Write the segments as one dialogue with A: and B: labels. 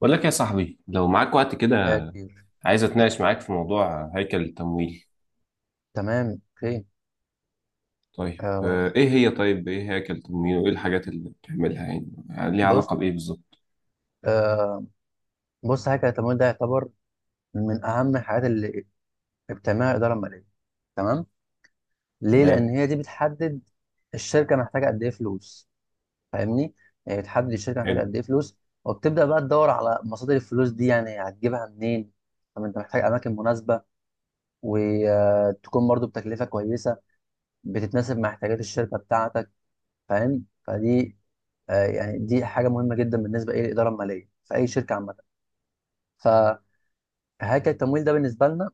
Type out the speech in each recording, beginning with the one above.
A: بقول لك يا صاحبي لو معاك وقت كده،
B: يا كبير.
A: عايز اتناقش معاك في موضوع هيكل التمويل.
B: تمام اوكي.
A: طيب،
B: آه
A: ايه هي طيب ايه هيكل التمويل وايه الحاجات اللي بتعملها يعني ليها
B: بص
A: علاقة بايه بالظبط؟
B: آه بص، حاجه، التمويل ده يعتبر من اهم الحاجات اللي بتعملها الاداره الماليه. تمام؟ ليه؟
A: تمام،
B: لان هي دي بتحدد الشركه محتاجه قد ايه فلوس، فاهمني؟ يعني بتحدد الشركه محتاجه
A: حلو،
B: قد ايه فلوس، وبتبدا بقى تدور على مصادر الفلوس دي، يعني هتجيبها منين. طب انت محتاج اماكن مناسبه، وتكون برضو بتكلفه كويسه، بتتناسب مع احتياجات الشركه بتاعتك، فاهم؟ فدي يعني دي حاجه مهمه جدا بالنسبه ايه للاداره الماليه في اي شركه عامه، فهاكر. التمويل ده بالنسبه لنا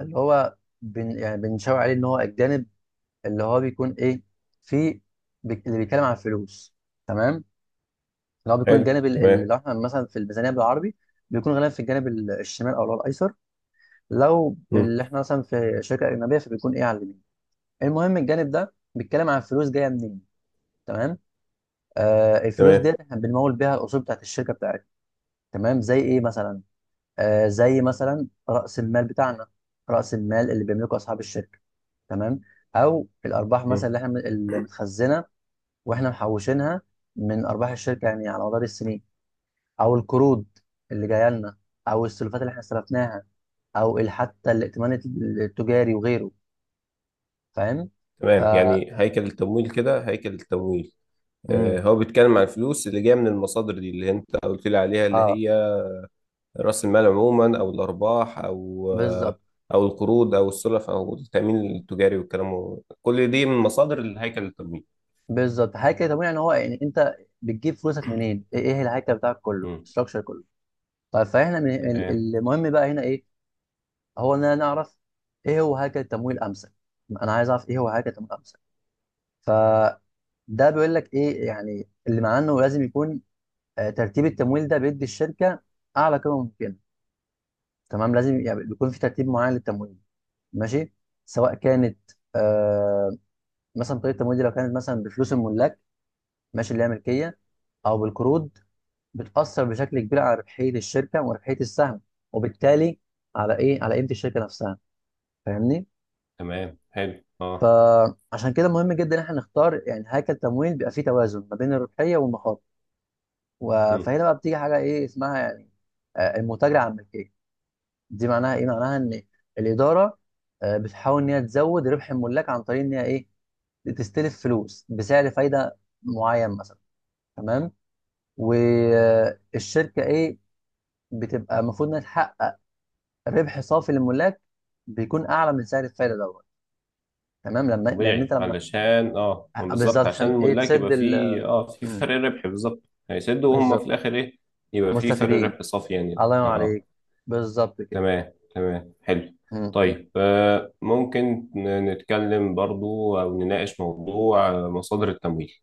B: اللي هو يعني بنشاور عليه ان هو الجانب اللي هو بيكون ايه، في اللي بيتكلم عن الفلوس، تمام. اللي هو بيكون
A: حلو،
B: الجانب اللي
A: تمام.
B: لو احنا مثلا في الميزانيه بالعربي بيكون غالبا في الجانب الشمال، او اللي هو الايسر، لو
A: مم.
B: اللي احنا مثلا في شركه اجنبيه فبيكون ايه على اليمين. المهم الجانب ده بيتكلم عن الفلوس جايه منين، تمام؟ الفلوس
A: تمام.
B: ديت احنا بنمول بيها الاصول بتاعت الشركه بتاعتنا، تمام؟ زي ايه مثلا؟ زي مثلا رأس المال بتاعنا، رأس المال اللي بيملكه أصحاب الشركة، تمام. أو الأرباح مثلا
A: مم.
B: اللي احنا اللي متخزنة، واحنا محوشينها من أرباح الشركة يعني على مدار السنين. أو القروض اللي جاية لنا، أو السلفات اللي احنا استلفناها، أو حتى الائتمان التجاري وغيره. فاهم؟ ف
A: تمام، يعني هيكل التمويل كده، هيكل التمويل
B: مم.
A: هو بيتكلم عن الفلوس اللي جايه من المصادر دي اللي انت قلت لي عليها، اللي
B: اه،
A: هي راس المال عموما او الارباح
B: بالظبط،
A: او القروض او السلف او التامين التجاري والكلام. كل دي من مصادر الهيكل التمويل.
B: بالظبط، هيكل طبيعي، ان هو يعني انت بتجيب فلوسك منين؟ ايه إيه الهيكل بتاعك كله؟
A: مم.
B: الستراكشر كله. طيب فاحنا من
A: تمام،
B: المهم بقى هنا ايه؟ هو اننا نعرف ايه هو هيكل التمويل امثل. انا عايز اعرف ايه هو هيكل التمويل امثل. فده بيقول لك ايه؟ يعني اللي معناه انه لازم يكون ترتيب التمويل ده بيدي الشركه اعلى قيمه ممكنه، تمام. لازم يعني بيكون في ترتيب معين للتمويل، ماشي؟ سواء كانت آه مثلا طريقه التمويل دي لو كانت مثلا بفلوس الملاك، ماشي، اللي هي ملكيه، او بالقروض، بتاثر بشكل كبير على ربحيه الشركه وربحيه السهم، وبالتالي على ايه، على قيمه الشركه نفسها، فاهمني؟
A: تمام، حلو، اه.
B: فعشان كده مهم جدا ان احنا نختار يعني هيكل تمويل بيبقى فيه توازن ما بين الربحيه والمخاطر.
A: مم.
B: فهنا بقى بتيجي حاجه ايه اسمها يعني، المتاجره على الملكيه. دي معناها ايه؟ معناها ان الاداره بتحاول ان هي تزود ربح الملاك عن طريق ان هي ايه، تستلف فلوس بسعر فايده معين مثلا، تمام. والشركه ايه، بتبقى المفروض انها تحقق ربح صافي للملاك بيكون اعلى من سعر الفايده دوت، تمام. لما، لان انت
A: طبيعي،
B: لما
A: علشان ما بالظبط،
B: بالظبط،
A: عشان
B: عشان ايه؟
A: الملاك
B: تسد
A: يبقى
B: ال.
A: فيه في
B: مم.
A: فرق ربح بالظبط. هيسدوا وهم في
B: بالظبط،
A: الاخر ايه؟ يبقى في فرق
B: مستفيدين.
A: ربح صافي، يعني.
B: الله ينور
A: اه
B: عليك. بالظبط كده.
A: تمام، تمام، حلو.
B: مم.
A: طيب، ممكن نتكلم برضو او نناقش موضوع مصادر التمويل.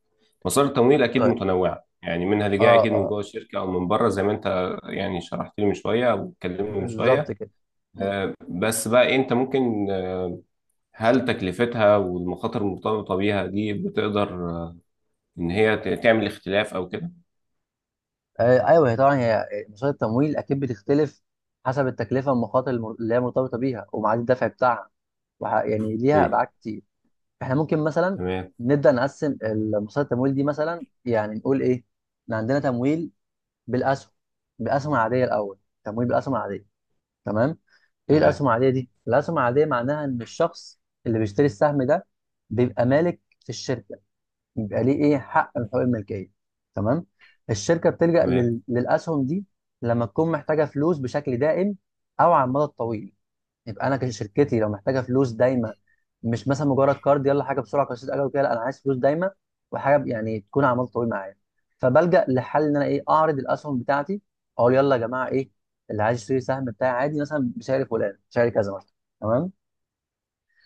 A: مصادر التمويل اكيد
B: طيب،
A: متنوعة، يعني منها اللي
B: اه
A: جاي اكيد من
B: اه،
A: جوه الشركة او من بره، زي ما انت يعني شرحت لي من شوية او اتكلمنا من
B: بالظبط
A: شوية.
B: كده. مم.
A: بس بقى إيه، انت ممكن، هل تكلفتها والمخاطر المرتبطة بيها دي بتقدر، إن هي تعمل اختلاف أو كده؟
B: ايوه، هي طبعا هي مصادر التمويل اكيد بتختلف حسب التكلفه والمخاطر اللي هي مرتبطه بيها، وميعاد الدفع بتاعها، يعني ليها
A: مم.
B: ابعاد كتير. احنا ممكن مثلا
A: تمام.
B: نبدا نقسم مصادر التمويل دي مثلا، يعني نقول ايه، إن عندنا تمويل بالاسهم، بالاسهم العاديه الاول تمويل بالاسهم العاديه، تمام. ايه
A: تمام.
B: الاسهم العاديه دي؟ الاسهم العاديه معناها ان الشخص اللي بيشتري السهم ده بيبقى مالك في الشركه، بيبقى ليه ايه، حق من حقوق الملكيه، تمام. الشركه بتلجأ
A: تمام.
B: للاسهم دي لما تكون محتاجه فلوس بشكل دائم او على المدى الطويل. يبقى انا كشركتي لو محتاجه فلوس دايما، مش مثلا مجرد كارد، يلا حاجه بسرعه قصير اجل وكده، لا، انا عايز فلوس دايما وحاجه يعني تكون على مدى طويل معايا، فبلجأ لحل ان انا ايه، اعرض الاسهم بتاعتي، اقول يلا يا جماعه ايه اللي عايز يشتري سهم بتاعي عادي مثلا بسعر فلان، سعر كذا مثلا، تمام.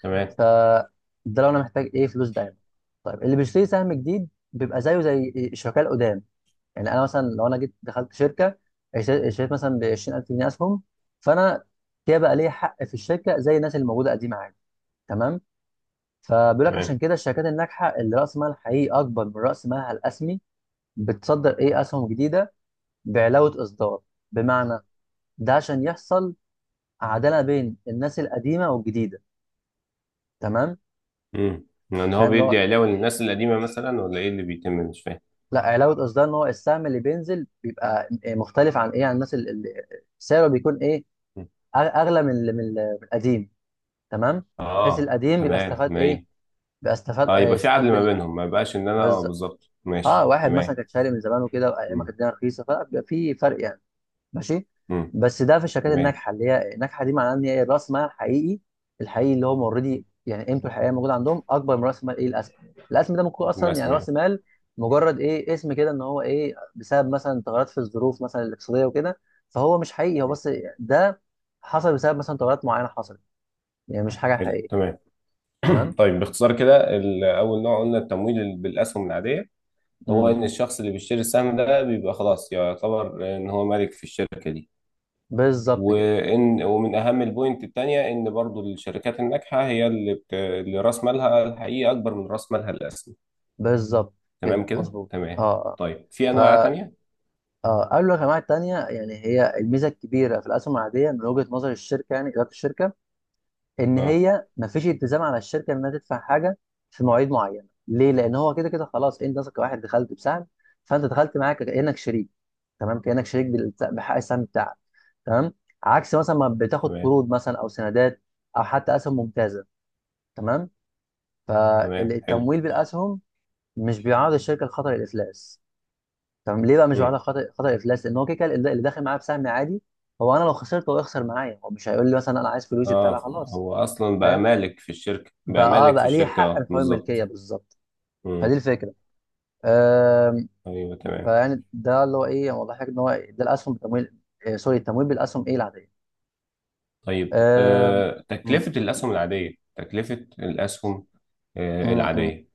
A: تمام.
B: فده لو انا محتاج ايه، فلوس دايما. طيب اللي بيشتري سهم جديد بيبق زيه زي الشركاء القدام، يعني انا مثلا لو انا جيت دخلت شركه اشتريت مثلا ب 20000 جنيه اسهم، فانا كده بقى ليا حق في الشركه زي الناس اللي موجوده قديمه عادي، تمام. فبيقول لك
A: تمام.
B: عشان كده الشركات الناجحه اللي راس مالها الحقيقي اكبر من راس مالها الاسمي بتصدر ايه، اسهم جديده بعلاوه اصدار، بمعنى، ده عشان يحصل عداله بين الناس القديمه والجديده، تمام.
A: مم. يعني هو
B: فاهم اللي هو،
A: بيدي علاوة للناس القديمة مثلا ولا إيه اللي بيتم؟ مش فاهم.
B: لا، علاوه اصدار ان هو السهم اللي بينزل بيبقى مختلف عن ايه، عن الناس اللي اللي سعره بيكون ايه،
A: مم.
B: اغلى من من القديم، تمام. بحيث
A: آه،
B: القديم يبقى
A: تمام،
B: استفاد
A: ما هي.
B: ايه، بيبقى استفاد
A: آه، يبقى في
B: يستفاد
A: عدل ما
B: بال.
A: بينهم، ما يبقاش إن أنا
B: بالظبط.
A: بالظبط،
B: اه،
A: ماشي،
B: واحد مثلا
A: تمام.
B: كان شاري من زمان وكده وايام ما كانت
A: مم.
B: الدنيا رخيصه فبيبقى في فرق يعني، ماشي.
A: مم.
B: بس ده في الشركات
A: تمام.
B: الناجحه، اللي هي الناجحه دي معناها ان هي راس مالها الحقيقي، الحقيقي اللي هم اوريدي يعني قيمته الحقيقيه موجوده عندهم اكبر من راس مال ايه، الاسهم. الاسهم ده ممكن يكون اصلا يعني
A: الرسمي، آه.
B: راس مال مجرد ايه، اسم كده، ان هو ايه، بسبب مثلا تغيرات في الظروف مثلا الاقتصاديه وكده، فهو مش حقيقي، هو
A: مم.
B: بس ده حصل بسبب مثلا تغيرات معينه حصلت، يعني مش حاجه
A: حلو،
B: حقيقيه،
A: تمام.
B: تمام.
A: طيب، باختصار كده، أول نوع قلنا التمويل بالأسهم العادية، هو
B: مم.
A: ان الشخص اللي بيشتري السهم ده بيبقى خلاص يعتبر ان هو مالك في الشركه دي.
B: بالظبط كده.
A: ومن اهم البوينت التانية ان برضو الشركات الناجحه هي اللي راس مالها الحقيقي اكبر من راس مالها الاسمي.
B: بالظبط
A: تمام
B: كده
A: كده،
B: مظبوط. اه
A: تمام.
B: اه.
A: طيب، في
B: ف
A: انواع تانية؟
B: اه قالوا الخدمات التانية، يعني هي الميزة الكبيرة في الأسهم العادية من وجهة نظر الشركة، يعني إدارة الشركة، إن
A: اه،
B: هي مفيش التزام على الشركة إنها تدفع حاجة في مواعيد معينة. ليه؟ لأن هو كده كده خلاص، أنت مثلا كواحد دخلت بسهم، فأنت دخلت معاك كأنك شريك، تمام، كأنك شريك بحق السهم بتاعك، تمام. عكس مثلا ما بتاخد
A: تمام،
B: قروض مثلا أو سندات، أو حتى أسهم ممتازة، تمام.
A: تمام، حلو.
B: فالتمويل بالأسهم مش بيعرض الشركة لخطر الإفلاس. طب ليه بقى مش بعملها
A: مم.
B: خطأ افلاس؟ لان هو كده كده اللي اللي داخل معايا بسهم عادي، هو انا لو خسرت هو يخسر معايا، هو مش هيقول لي مثلا انا عايز فلوسي بتاع،
A: اه،
B: لا خلاص،
A: هو اصلا بقى
B: فاهم؟
A: مالك في الشركه، بقى
B: فاه،
A: مالك في
B: بقى ليه
A: الشركه،
B: حق في
A: اه
B: حقوق
A: بالظبط.
B: الملكيه، بالظبط. فدي
A: مم.
B: الفكره. أم،
A: ايوه، تمام.
B: فيعني ده اللي هو ايه، هو ضحك ان هو ده الاسهم بتمويل، سوري، التمويل بالاسهم ايه، العاديه.
A: طيب،
B: أم، م-
A: تكلفة الأسهم
B: م- م.
A: العادية،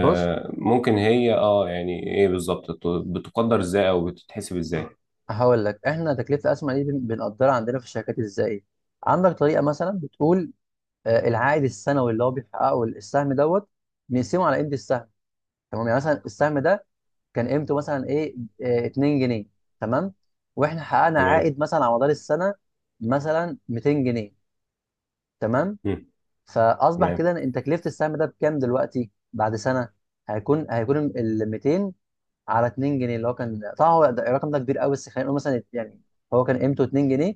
B: بص،
A: ممكن هي يعني ايه بالظبط؟ بتقدر ازاي او بتتحسب ازاي؟
B: هقول لك، احنا تكلفه الاسهم دي بنقدرها عندنا في الشركات ازاي. عندك طريقه مثلا بتقول العائد السنوي اللي هو بيحققه السهم دوت، نقسمه على قيمه السهم، تمام. يعني مثلا السهم ده كان قيمته مثلا ايه، 2 جنيه، تمام. واحنا حققنا
A: تمام.
B: عائد مثلا على مدار السنه مثلا 200 جنيه، تمام.
A: مم.
B: فاصبح
A: تمام.
B: كده ان تكلفه السهم ده بكام دلوقتي بعد سنه، هيكون ال 200 على 2 جنيه، اللي هو كان طبعا هو الرقم ده كبير قوي، بس خلينا نقول مثلا يعني، هو كان قيمته 2 جنيه،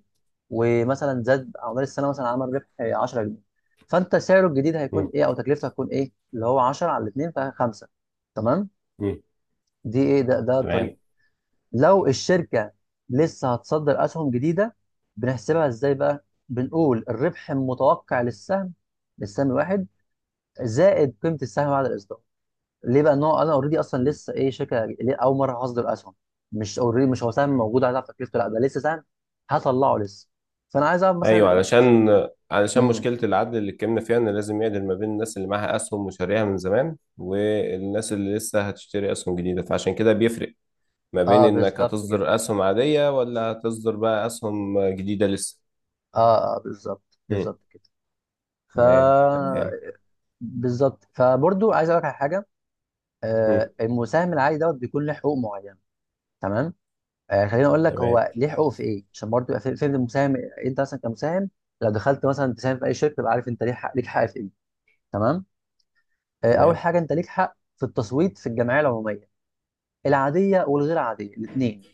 B: ومثلا زاد على مدار السنه، مثلا عمل ربح 10 جنيه، فانت سعره الجديد هيكون
A: مم.
B: ايه او تكلفته هتكون ايه، اللي هو 10 على 2 فخمسه، تمام.
A: مم.
B: دي ايه، ده ده الطريقه.
A: تمام.
B: لو الشركة لسه هتصدر أسهم جديدة، بنحسبها إزاي بقى؟ بنقول الربح المتوقع للسهم، للسهم الواحد، زائد قيمة السهم بعد الإصدار. ليه بقى؟ إن هو أنا أوريدي أصلا لسه إيه، شركة ليه أول مرة هصدر أسهم. مش أوريدي، مش هو سهم موجود على تكلفته، لا ده لسه سهم هطلعه لسه. فأنا عايز أعرف مثلا
A: ايوه،
B: بش...
A: علشان
B: م-
A: مشكله العدل اللي اتكلمنا فيها، ان لازم يعدل ما بين الناس اللي معاها اسهم وشاريها من زمان والناس اللي لسه هتشتري اسهم جديده، فعشان كده بيفرق ما بين
B: أه
A: انك
B: بالظبط كده.
A: هتصدر اسهم عاديه ولا هتصدر بقى اسهم جديده لسه.
B: أه أه بالظبط
A: مم.
B: بالظبط كده. ف
A: تمام، تمام.
B: بالظبط. فبرضو عايز أقول لك على حاجة،
A: مم.
B: المساهم العادي دوت بيكون له حقوق معينة، تمام. خليني اقول لك
A: تمام،
B: هو ليه حقوق في ايه عشان برضه يبقى فهم المساهم. انت مثلا كمساهم لو دخلت مثلا تساهم في اي شركه، تبقى عارف انت ليك حق، ليك حق في ايه، تمام. اول
A: تمام،
B: حاجه انت ليك حق في التصويت في الجمعيه العموميه، العاديه والغير عاديه الاثنين،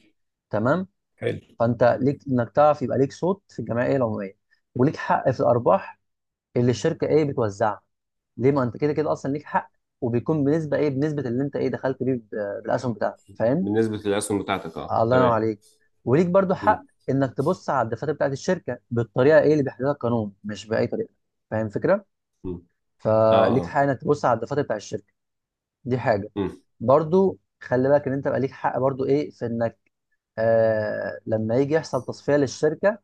B: تمام.
A: حلو.
B: فانت ليك انك تعرف يبقى ليك صوت في الجمعيه العموميه. وليك حق في الارباح اللي الشركه ايه، بتوزعها. ليه؟ ما انت كده كده اصلا ليك حق، وبيكون بنسبه ايه، بنسبه اللي انت ايه، دخلت بيه بالاسهم بتاعتك، فاهم؟
A: بالنسبه للاسهم بتاعتك، اه
B: الله ينور
A: تمام.
B: عليك. وليك برضو
A: مم.
B: حق انك تبص على الدفاتر بتاعت الشركه بالطريقه ايه اللي بيحددها القانون، مش باي طريقه. فاهم الفكره؟
A: مم. اه،
B: فليك
A: اه.
B: حق انك تبص على الدفاتر بتاعت الشركه، دي حاجه.
A: مم.
B: برضو خلي بالك ان انت بقى ليك حق برضو ايه في انك لما يجي يحصل تصفيه للشركه،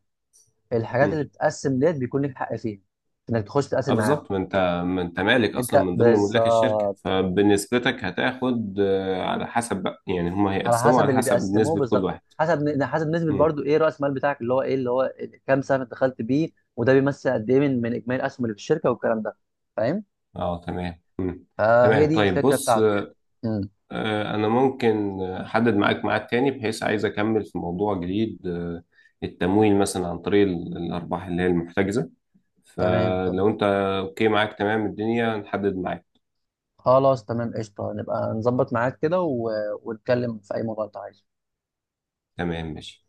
B: الحاجات
A: مم.
B: اللي بتتقسم ديت بيكون ليك حق فيها، انك تخش
A: اه
B: تتقاسم معاهم.
A: بالظبط، ما انت مالك اصلا
B: انت
A: من ضمن ملاك الشركه،
B: بالظبط
A: فبنسبتك هتاخد على حسب بقى، يعني هم
B: على
A: هيقسموا
B: حسب
A: على
B: اللي
A: حسب
B: بيقسموه
A: نسبه كل
B: بالظبط،
A: واحد.
B: حسب نسبه
A: امم.
B: برضو ايه، راس المال بتاعك اللي هو ايه، اللي هو كام سهم دخلت بيه، وده بيمثل قد ايه من من اجمالي الاسهم اللي في الشركه والكلام ده، فاهم؟
A: اه، تمام، امم.
B: فهي
A: تمام.
B: دي
A: طيب،
B: الفكره
A: بص،
B: بتاعته يعني. امم
A: انا ممكن احدد معاك ميعاد تاني، بحيث عايز اكمل في موضوع جديد، التمويل مثلا عن طريق الارباح اللي هي المحتجزه.
B: تمام
A: فلو
B: تمام.
A: انت اوكي معاك، تمام الدنيا نحدد معاك.
B: خلاص تمام، قشطه، نبقى نظبط معاك كده و... ونتكلم في اي موضوع انت عايزه.
A: تمام، ماشي.